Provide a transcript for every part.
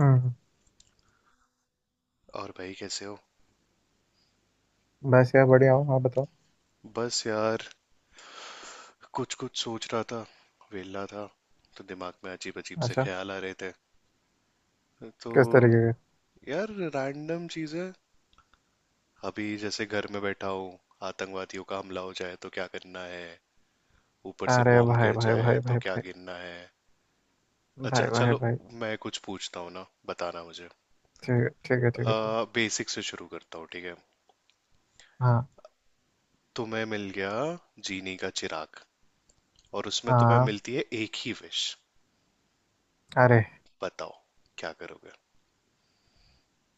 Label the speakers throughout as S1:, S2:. S1: हम्म।
S2: और भाई कैसे हो।
S1: बस यार बढ़िया हूँ। आप बताओ।
S2: बस यार कुछ कुछ सोच रहा था। वेला था तो दिमाग में अजीब अजीब से
S1: अच्छा।
S2: ख्याल आ रहे थे। तो
S1: किस तरीके के?
S2: यार रैंडम चीजें। अभी जैसे घर में बैठा हूँ, आतंकवादियों का हमला हो जाए तो क्या करना है। ऊपर से
S1: अरे
S2: बॉम्ब
S1: भाई
S2: गिर
S1: भाई
S2: जाए
S1: भाई
S2: तो
S1: भाई
S2: क्या
S1: भाई
S2: गिरना है। अच्छा
S1: भाई भाई
S2: चलो,
S1: भाई।
S2: मैं कुछ पूछता हूँ ना, बताना मुझे।
S1: ठीक है ठीक है ठीक है ठीक है।
S2: बेसिक से शुरू करता हूँ, ठीक है।
S1: हाँ।
S2: तुम्हें मिल गया जीनी का चिराग और उसमें तुम्हें
S1: हाँ।
S2: मिलती है एक ही विश।
S1: अरे,
S2: बताओ, क्या करोगे।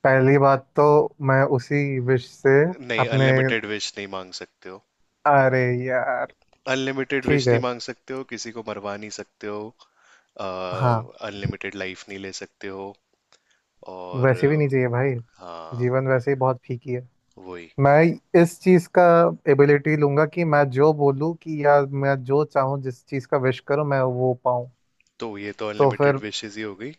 S1: पहली बात तो मैं उसी विश से
S2: नहीं,
S1: अपने।
S2: अनलिमिटेड विश नहीं मांग सकते हो।
S1: अरे यार।
S2: अनलिमिटेड
S1: ठीक
S2: विश नहीं
S1: है।
S2: मांग सकते हो, किसी को मरवा नहीं सकते हो,
S1: हाँ।
S2: अनलिमिटेड लाइफ नहीं ले सकते हो। और
S1: वैसे भी नहीं चाहिए भाई।
S2: हाँ
S1: जीवन वैसे ही बहुत फीकी है।
S2: वही।
S1: मैं इस चीज का एबिलिटी लूंगा कि मैं जो बोलूँ कि या मैं जो चाहूँ जिस चीज का विश करूँ, मैं वो पाऊँ।
S2: तो ये तो
S1: तो
S2: अनलिमिटेड
S1: फिर।
S2: विशेस ही हो गई।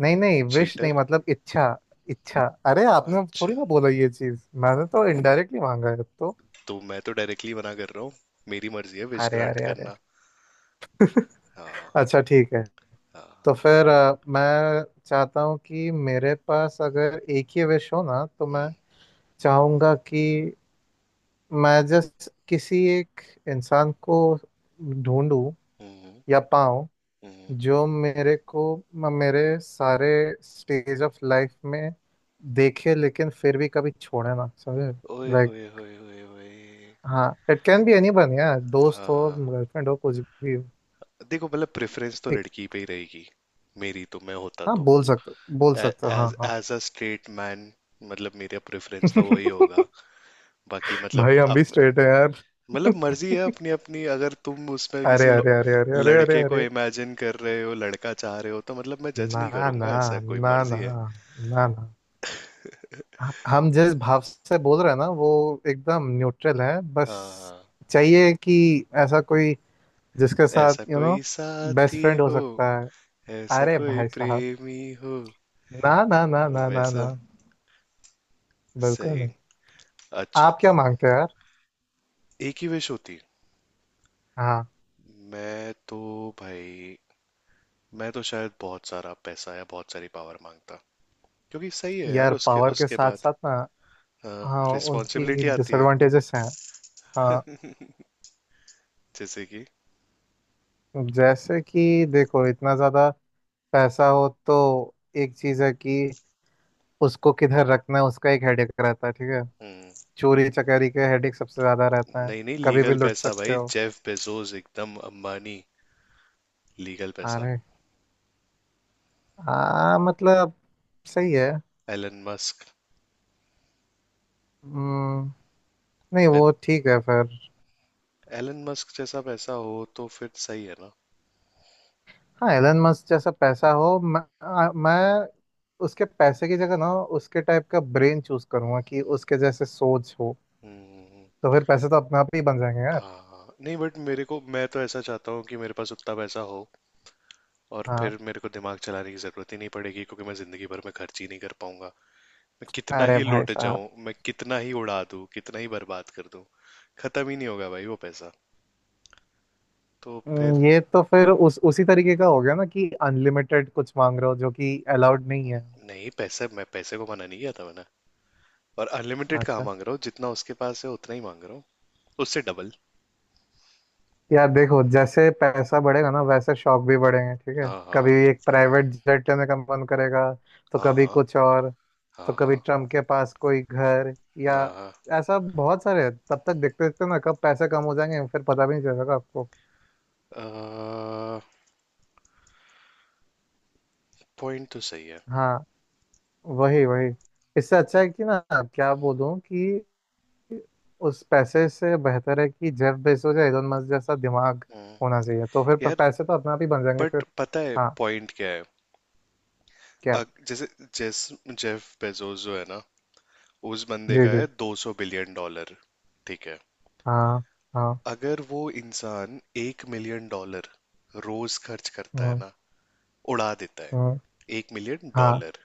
S1: नहीं नहीं, विश नहीं,
S2: चीटर।
S1: मतलब इच्छा। इच्छा। अरे, आपने थोड़ी
S2: अच्छा,
S1: ना बोला ये चीज, मैंने तो इनडायरेक्टली मांगा है तो।
S2: तो मैं तो डायरेक्टली मना कर रहा हूँ। मेरी मर्जी है विश
S1: अरे
S2: ग्रांट
S1: अरे अरे अरे।
S2: करना। हाँ।
S1: अच्छा। ठीक है। तो
S2: हाँ।
S1: फिर मैं चाहता हूँ कि मेरे पास अगर एक ही विश हो ना तो मैं
S2: हम्म
S1: चाहूंगा कि मैं जस्ट किसी एक इंसान को ढूंढूं
S2: हम्म।
S1: या पाऊं
S2: हम्म।
S1: जो मेरे को मेरे सारे स्टेज ऑफ लाइफ में देखे, लेकिन फिर भी कभी छोड़े ना समझे।
S2: ओए
S1: लाइक।
S2: होए होए होए होए।
S1: हाँ, it can be any one यार, दोस्त
S2: हाँ
S1: हो
S2: हाँ।
S1: गर्लफ्रेंड हो कुछ भी हो।
S2: देखो, मतलब प्रेफरेंस तो
S1: एक।
S2: लड़की पे ही रहेगी मेरी। तो मैं होता
S1: हाँ
S2: तो
S1: बोल सकते हो हाँ
S2: एज
S1: हाँ।
S2: एज अ स्ट्रेट मैन, मतलब मेरा प्रेफरेंस तो वही होगा। बाकी
S1: भाई,
S2: मतलब
S1: हम भी
S2: अप,
S1: स्ट्रेट है यार।
S2: मतलब मर्जी है अपनी अपनी। अगर तुम उसमें
S1: अरे
S2: किसी
S1: अरे अरे अरे अरे अरे
S2: लड़के को
S1: अरे।
S2: इमेजिन कर रहे हो, लड़का चाह रहे हो, तो मतलब मैं जज
S1: ना
S2: नहीं
S1: ना
S2: करूंगा। ऐसा कोई
S1: ना
S2: मर्जी
S1: ना
S2: है।
S1: ना ना। हम जिस भाव से बोल रहे हैं ना, वो एकदम न्यूट्रल है बस।
S2: हाँ,
S1: चाहिए कि ऐसा कोई जिसके साथ
S2: ऐसा कोई
S1: बेस्ट
S2: साथी
S1: फ्रेंड हो
S2: हो।
S1: सकता है।
S2: ऐसा
S1: अरे
S2: कोई
S1: भाई साहब।
S2: प्रेमी हो
S1: ना ना ना ना ना ना।
S2: वैसा।
S1: बिल्कुल
S2: सही।
S1: नहीं।
S2: अच्छा,
S1: आप क्या मांगते हो यार?
S2: एक ही विश होती।
S1: हाँ।
S2: मैं तो भाई, मैं तो शायद बहुत सारा पैसा या बहुत सारी पावर मांगता। क्योंकि सही है यार,
S1: यार
S2: उसके
S1: पावर के
S2: उसके
S1: साथ
S2: बाद
S1: साथ ना। हाँ। उनकी
S2: रिस्पॉन्सिबिलिटी आती है।
S1: डिसएडवांटेजेस हैं। हाँ।
S2: जैसे कि
S1: जैसे कि देखो, इतना ज़्यादा पैसा हो तो एक चीज़ है कि उसको किधर रखना है, उसका एक हेडेक रहता है। ठीक है।
S2: हम्म।
S1: चोरी चकारी के हेडेक सबसे ज़्यादा रहता है।
S2: नहीं नहीं,
S1: कभी भी
S2: लीगल
S1: लुट
S2: पैसा
S1: सकते
S2: भाई,
S1: हो।
S2: जेफ बेजोस, एकदम अंबानी। लीगल पैसा।
S1: अरे। हाँ, मतलब सही है।
S2: Elon Musk.
S1: हम्म, नहीं वो ठीक है फिर।
S2: एलन मस्क जैसा पैसा हो तो फिर सही है ना।
S1: हाँ एलन मस्क जैसा पैसा हो, मैं उसके पैसे की जगह ना उसके टाइप का ब्रेन चूज करूंगा कि उसके जैसे सोच हो।
S2: हम्म।
S1: तो फिर पैसे तो अपने आप ही बन जाएंगे यार।
S2: हाँ नहीं, बट मेरे को, मैं तो ऐसा चाहता हूँ कि मेरे पास उतना पैसा हो। और फिर
S1: हाँ।
S2: मेरे को दिमाग चलाने की जरूरत ही नहीं पड़ेगी क्योंकि मैं जिंदगी भर में खर्च ही नहीं कर पाऊंगा। मैं कितना
S1: अरे
S2: ही
S1: भाई
S2: लुट
S1: साहब।
S2: जाऊं, मैं कितना ही उड़ा दूं, कितना ही बर्बाद कर दूं, खत्म ही नहीं होगा भाई वो पैसा। तो फिर
S1: ये तो फिर उस उसी तरीके का हो गया ना कि अनलिमिटेड कुछ मांग रहे हो जो कि अलाउड नहीं है।
S2: नहीं, पैसे, मैं पैसे को मना नहीं किया था मैंने। और अनलिमिटेड कहाँ
S1: अच्छा।
S2: मांग रहा हूँ, जितना उसके पास है उतना ही मांग रहा हूँ। उससे डबल।
S1: यार देखो, जैसे पैसा बढ़ेगा ना वैसे शौक भी बढ़ेंगे। ठीक है।
S2: हाँ
S1: कभी
S2: हाँ।
S1: एक प्राइवेट जेट लेने का मन करेगा, तो कभी
S2: हाँ
S1: कुछ और, तो
S2: हाँ।
S1: कभी
S2: हाँ
S1: ट्रम्प के पास कोई घर या
S2: हाँ हाँ।
S1: ऐसा बहुत सारे हैं। तब तक देखते देखते ना कब पैसे कम हो जाएंगे फिर पता भी नहीं चलेगा आपको।
S2: पॉइंट तो सही है।
S1: हाँ। वही वही। इससे अच्छा है कि ना, क्या बोलूं कि उस पैसे से बेहतर है कि जेफ बेजोस या एलन मस्क जैसा दिमाग
S2: हम्म।
S1: होना चाहिए, तो फिर
S2: यार
S1: पैसे तो अपने आप ही बन जाएंगे
S2: बट
S1: फिर।
S2: पता है
S1: हाँ।
S2: पॉइंट क्या है।
S1: क्या?
S2: जैसे, जेस जेफ बेजोस जो है ना, उस बंदे
S1: जी
S2: का है
S1: जी।
S2: 200 बिलियन डॉलर। ठीक है,
S1: हाँ हाँ।
S2: अगर वो इंसान 1 मिलियन डॉलर रोज खर्च करता है
S1: हम्म।
S2: ना, उड़ा देता है
S1: हम्म।
S2: एक मिलियन
S1: हाँ।
S2: डॉलर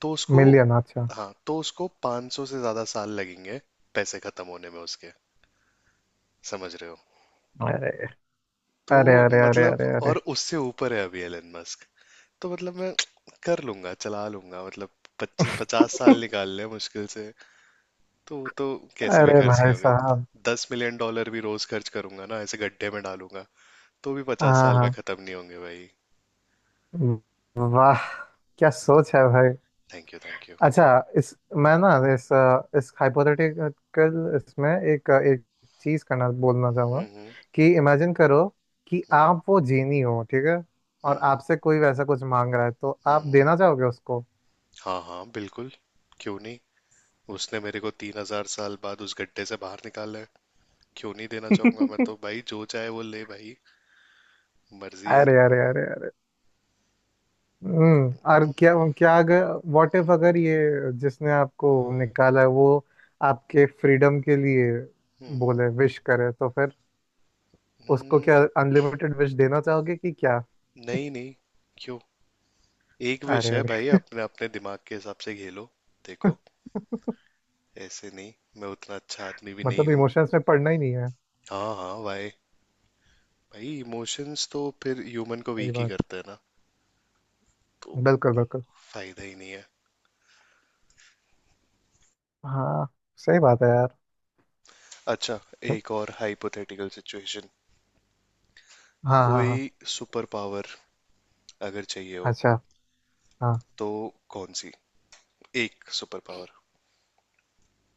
S2: तो उसको,
S1: मिलियन? अच्छा।
S2: हाँ तो उसको 500 से ज़्यादा साल लगेंगे पैसे ख़त्म होने में उसके। समझ रहे हो।
S1: अरे
S2: तो
S1: अरे अरे अरे
S2: मतलब,
S1: अरे अरे।
S2: और उससे ऊपर है अभी एलन मस्क। तो मतलब मैं कर लूंगा, चला लूंगा मतलब। 25 50 साल निकाल ले मुश्किल से। तो वो तो कैसे भी
S1: अरे
S2: खर्च नहीं
S1: भाई
S2: होंगे।
S1: साहब।
S2: 10 मिलियन डॉलर भी रोज खर्च करूंगा ना, ऐसे गड्ढे में डालूंगा तो भी पचास
S1: हाँ
S2: साल में
S1: हाँ।
S2: खत्म नहीं होंगे भाई।
S1: वाह, क्या सोच है भाई।
S2: Thank you thank you.
S1: अच्छा। इस मैं ना, इस हाइपोथेटिकल इसमें एक एक चीज करना बोलना चाहूंगा
S2: हम्म।
S1: कि इमेजिन करो कि
S2: हम्म
S1: आप वो जीनी हो। ठीक है। और
S2: हम्म।
S1: आपसे कोई वैसा कुछ मांग रहा है तो
S2: हम्म।
S1: आप
S2: हम्म।
S1: देना चाहोगे उसको?
S2: हाँ हाँ बिल्कुल, क्यों नहीं। उसने मेरे को 3 हज़ार साल बाद उस गड्ढे से बाहर निकाला है, क्यों नहीं देना चाहूंगा। मैं तो भाई जो चाहे वो ले भाई, मर्जी है।
S1: अरे अरे अरे अरे। और क्या क्या अगर, व्हाट इफ, अगर ये जिसने आपको निकाला है वो आपके फ्रीडम के लिए
S2: हम्म।
S1: बोले, विश करे, तो फिर उसको
S2: हम्म।
S1: क्या अनलिमिटेड विश देना चाहोगे कि क्या?
S2: नहीं नहीं, क्यों, एक विश है
S1: अरे
S2: भाई, अपने अपने दिमाग के हिसाब से खेलो।
S1: अरे।
S2: देखो, ऐसे नहीं। मैं उतना अच्छा आदमी भी नहीं
S1: मतलब
S2: हूँ।
S1: इमोशंस में पढ़ना ही नहीं है।
S2: हाँ हाँ भाई, भाई इमोशंस तो फिर ह्यूमन को
S1: सही
S2: वीक ही
S1: बात।
S2: करते हैं ना, तो
S1: बिल्कुल बिल्कुल।
S2: फायदा ही नहीं है।
S1: हाँ। सही बात है यार।
S2: अच्छा, एक और हाइपोथेटिकल सिचुएशन।
S1: हाँ हाँ हाँ।
S2: कोई सुपर पावर अगर चाहिए हो,
S1: अच्छा। हाँ।
S2: तो कौन सी एक सुपर पावर।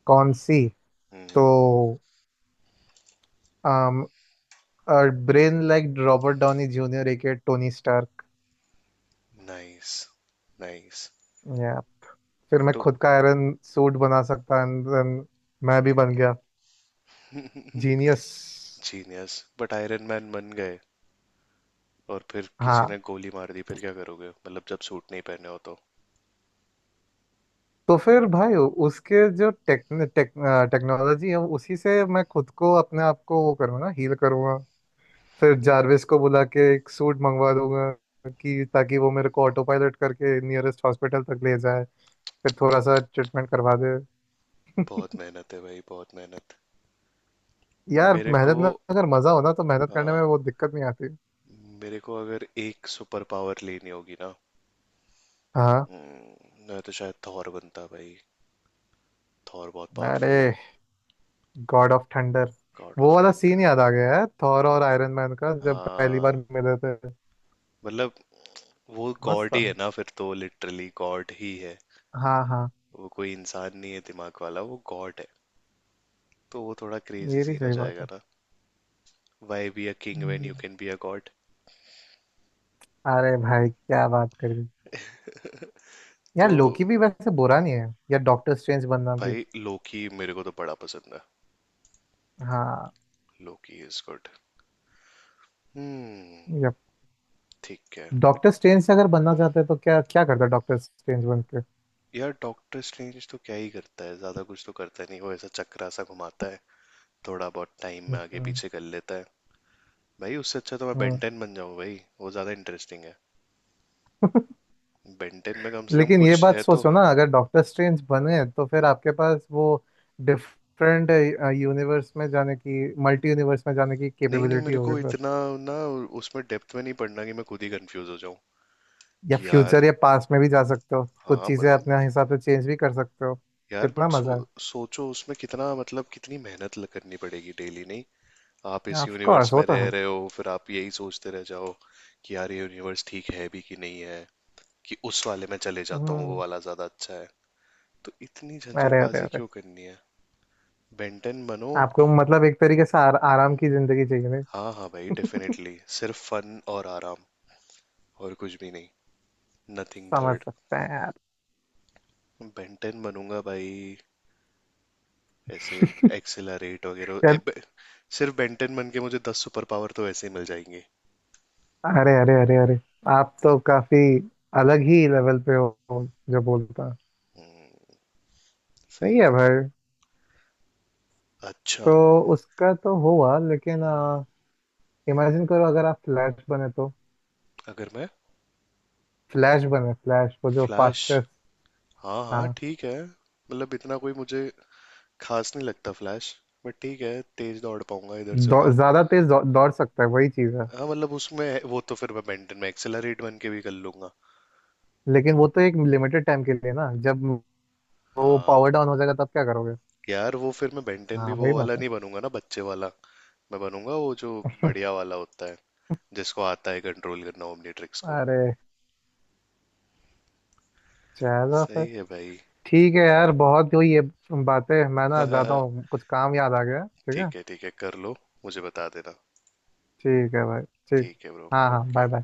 S1: कौन सी? तो
S2: हम्म।
S1: um, brain like Robert Downey Junior, एक टोनी स्टार्क,
S2: नाइस। नाइस।
S1: या फिर मैं
S2: तो
S1: खुद का आयरन सूट बना सकता and then मैं भी बन गया genius.
S2: Genius but iron man बन गए और फिर किसी
S1: हाँ।
S2: ने गोली मार दी फिर क्या करोगे, मतलब जब सूट नहीं पहने हो तो।
S1: तो फिर भाई, उसके जो टेक, टेक, टेक्नोलॉजी है उसी से मैं खुद को अपने आप को वो करूँगा, हील करूँगा। फिर जारविस को बुला के एक सूट मंगवा दूंगा कि ताकि वो मेरे को ऑटो पायलट करके नियरेस्ट हॉस्पिटल तक ले जाए, फिर थोड़ा सा ट्रीटमेट करवा दे।
S2: बहुत मेहनत है भाई, बहुत मेहनत।
S1: यार,
S2: मेरे को,
S1: मेहनत में अगर मजा हो ना तो मेहनत करने में
S2: हाँ,
S1: वो दिक्कत नहीं आती।
S2: मेरे को अगर एक सुपर पावर लेनी होगी ना,
S1: हाँ।
S2: मैं तो शायद थॉर बनता भाई। थॉर बहुत
S1: अरे,
S2: पावरफुल है।
S1: God of thunder.
S2: गॉड
S1: वो
S2: ऑफ
S1: वाला सीन
S2: थंडर।
S1: याद आ गया है थॉर और आयरन मैन का जब पहली
S2: हाँ
S1: बार मिले थे।
S2: मतलब वो
S1: मस्त
S2: गॉड
S1: था।
S2: ही है ना फिर तो, लिटरली गॉड ही है।
S1: हाँ हाँ।
S2: वो कोई इंसान नहीं है दिमाग वाला, वो गॉड। तो वो थोड़ा क्रेजी
S1: ये भी
S2: सीन हो
S1: सही बात
S2: जाएगा
S1: है।
S2: ना। Why be a king when you
S1: हम्म।
S2: Can be a god.
S1: अरे भाई, क्या बात कर दी।
S2: तो
S1: यार लोकी भी वैसे बुरा नहीं है, या डॉक्टर स्ट्रेंज बनना भी।
S2: भाई लोकी मेरे को तो बड़ा पसंद है।
S1: हाँ।
S2: Loki is good. हम्म। ठीक है।
S1: डॉक्टर स्ट्रेंज से अगर बनना चाहते हैं तो क्या क्या करता डॉक्टर स्ट्रेंज बन के?
S2: यार डॉक्टर स्ट्रेंज तो क्या ही करता है ज्यादा, कुछ तो करता नहीं वो, ऐसा चक्रा सा घुमाता है, थोड़ा बहुत टाइम में आगे
S1: हम्म।
S2: पीछे कर लेता है। भाई उससे अच्छा तो मैं
S1: हम्म।
S2: बेंटेन बन जाऊं भाई, वो ज्यादा इंटरेस्टिंग है। बेंटेन में कम से कम
S1: लेकिन ये
S2: कुछ
S1: बात
S2: है तो।
S1: सोचो ना, अगर डॉक्टर स्ट्रेंज बने तो फिर आपके पास वो डिफरेंट यूनिवर्स में जाने की, मल्टी यूनिवर्स में जाने की
S2: नहीं नहीं
S1: कैपेबिलिटी
S2: मेरे
S1: होगी
S2: को
S1: फिर,
S2: इतना, ना, उसमें डेप्थ में नहीं पढ़ना कि मैं खुद ही कंफ्यूज हो जाऊं।
S1: या
S2: कि यार,
S1: फ्यूचर या पास्ट में भी जा सकते हो, कुछ
S2: हाँ
S1: चीज़ें
S2: मतलब,
S1: अपने हिसाब से चेंज भी कर सकते हो।
S2: यार
S1: कितना
S2: बट
S1: मज़ा
S2: सोचो उसमें कितना, मतलब कितनी मेहनत करनी पड़ेगी डेली। नहीं आप
S1: है।
S2: इस
S1: ऑफ
S2: यूनिवर्स
S1: कोर्स, वो
S2: में
S1: तो
S2: रह
S1: है।
S2: रहे हो फिर आप यही सोचते रह जाओ कि यार ये यूनिवर्स ठीक है भी कि नहीं है, कि उस वाले में चले जाता हूँ, वो
S1: हम्म।
S2: वाला ज्यादा अच्छा है। तो इतनी
S1: अरे अरे
S2: झंझटबाजी
S1: अरे।
S2: क्यों करनी है। बेंटन बनो।
S1: आपको मतलब एक तरीके से आराम की जिंदगी चाहिए
S2: हाँ हाँ भाई,
S1: नहीं?
S2: डेफिनेटली सिर्फ फन और आराम, और कुछ भी नहीं, नथिंग
S1: समझ
S2: थर्ड।
S1: सकते हैं यार।
S2: बेंटन बनूंगा भाई। ऐसे एक्सेलरेट वगैरह सिर्फ बेंटन बन के मुझे 10 सुपर पावर तो ऐसे ही मिल जाएंगे।
S1: अरे अरे अरे अरे। आप तो काफी अलग ही लेवल पे हो, जो बोलता।
S2: हम्म। सही
S1: सही
S2: है
S1: है
S2: वो।
S1: भाई।
S2: अच्छा।
S1: तो उसका तो हुआ, लेकिन इमेजिन करो अगर आप फ्लैश बने तो।
S2: अगर मैं
S1: फ्लैश बने, फ्लैश वो जो
S2: फ्लैश,
S1: फास्टेस्ट।
S2: हाँ हाँ
S1: हाँ।
S2: ठीक है, मतलब इतना कोई मुझे खास नहीं लगता फ्लैश, बट ठीक है, तेज दौड़ पाऊंगा इधर से उधर।
S1: ज्यादा तेज दौड़ सकता है वही चीज है।
S2: हाँ मतलब उसमें वो तो फिर मैं बेंटन में एक्सेलरेट बन के भी कर लूंगा।
S1: लेकिन वो तो एक लिमिटेड टाइम के लिए ना, जब वो
S2: हाँ
S1: पावर डाउन हो जाएगा तब क्या करोगे?
S2: यार, वो फिर मैं बेंटन भी
S1: हाँ।
S2: वो
S1: वही
S2: वाला
S1: बात है।
S2: नहीं बनूंगा ना, बच्चे वाला। मैं बनूंगा वो जो बढ़िया वाला होता है, जिसको आता है कंट्रोल करना ओमनीट्रिक्स को।
S1: अरे, चलो फिर।
S2: सही है भाई।
S1: ठीक है यार, बहुत हुई ये बातें। मैं ना जाता हूँ, कुछ काम याद आ गया। ठीक है।
S2: ठीक है ठीक है, कर लो, मुझे बता देना।
S1: ठीक है भाई। ठीक।
S2: ठीक है ब्रो,
S1: हाँ हाँ
S2: ओके।
S1: Bye bye.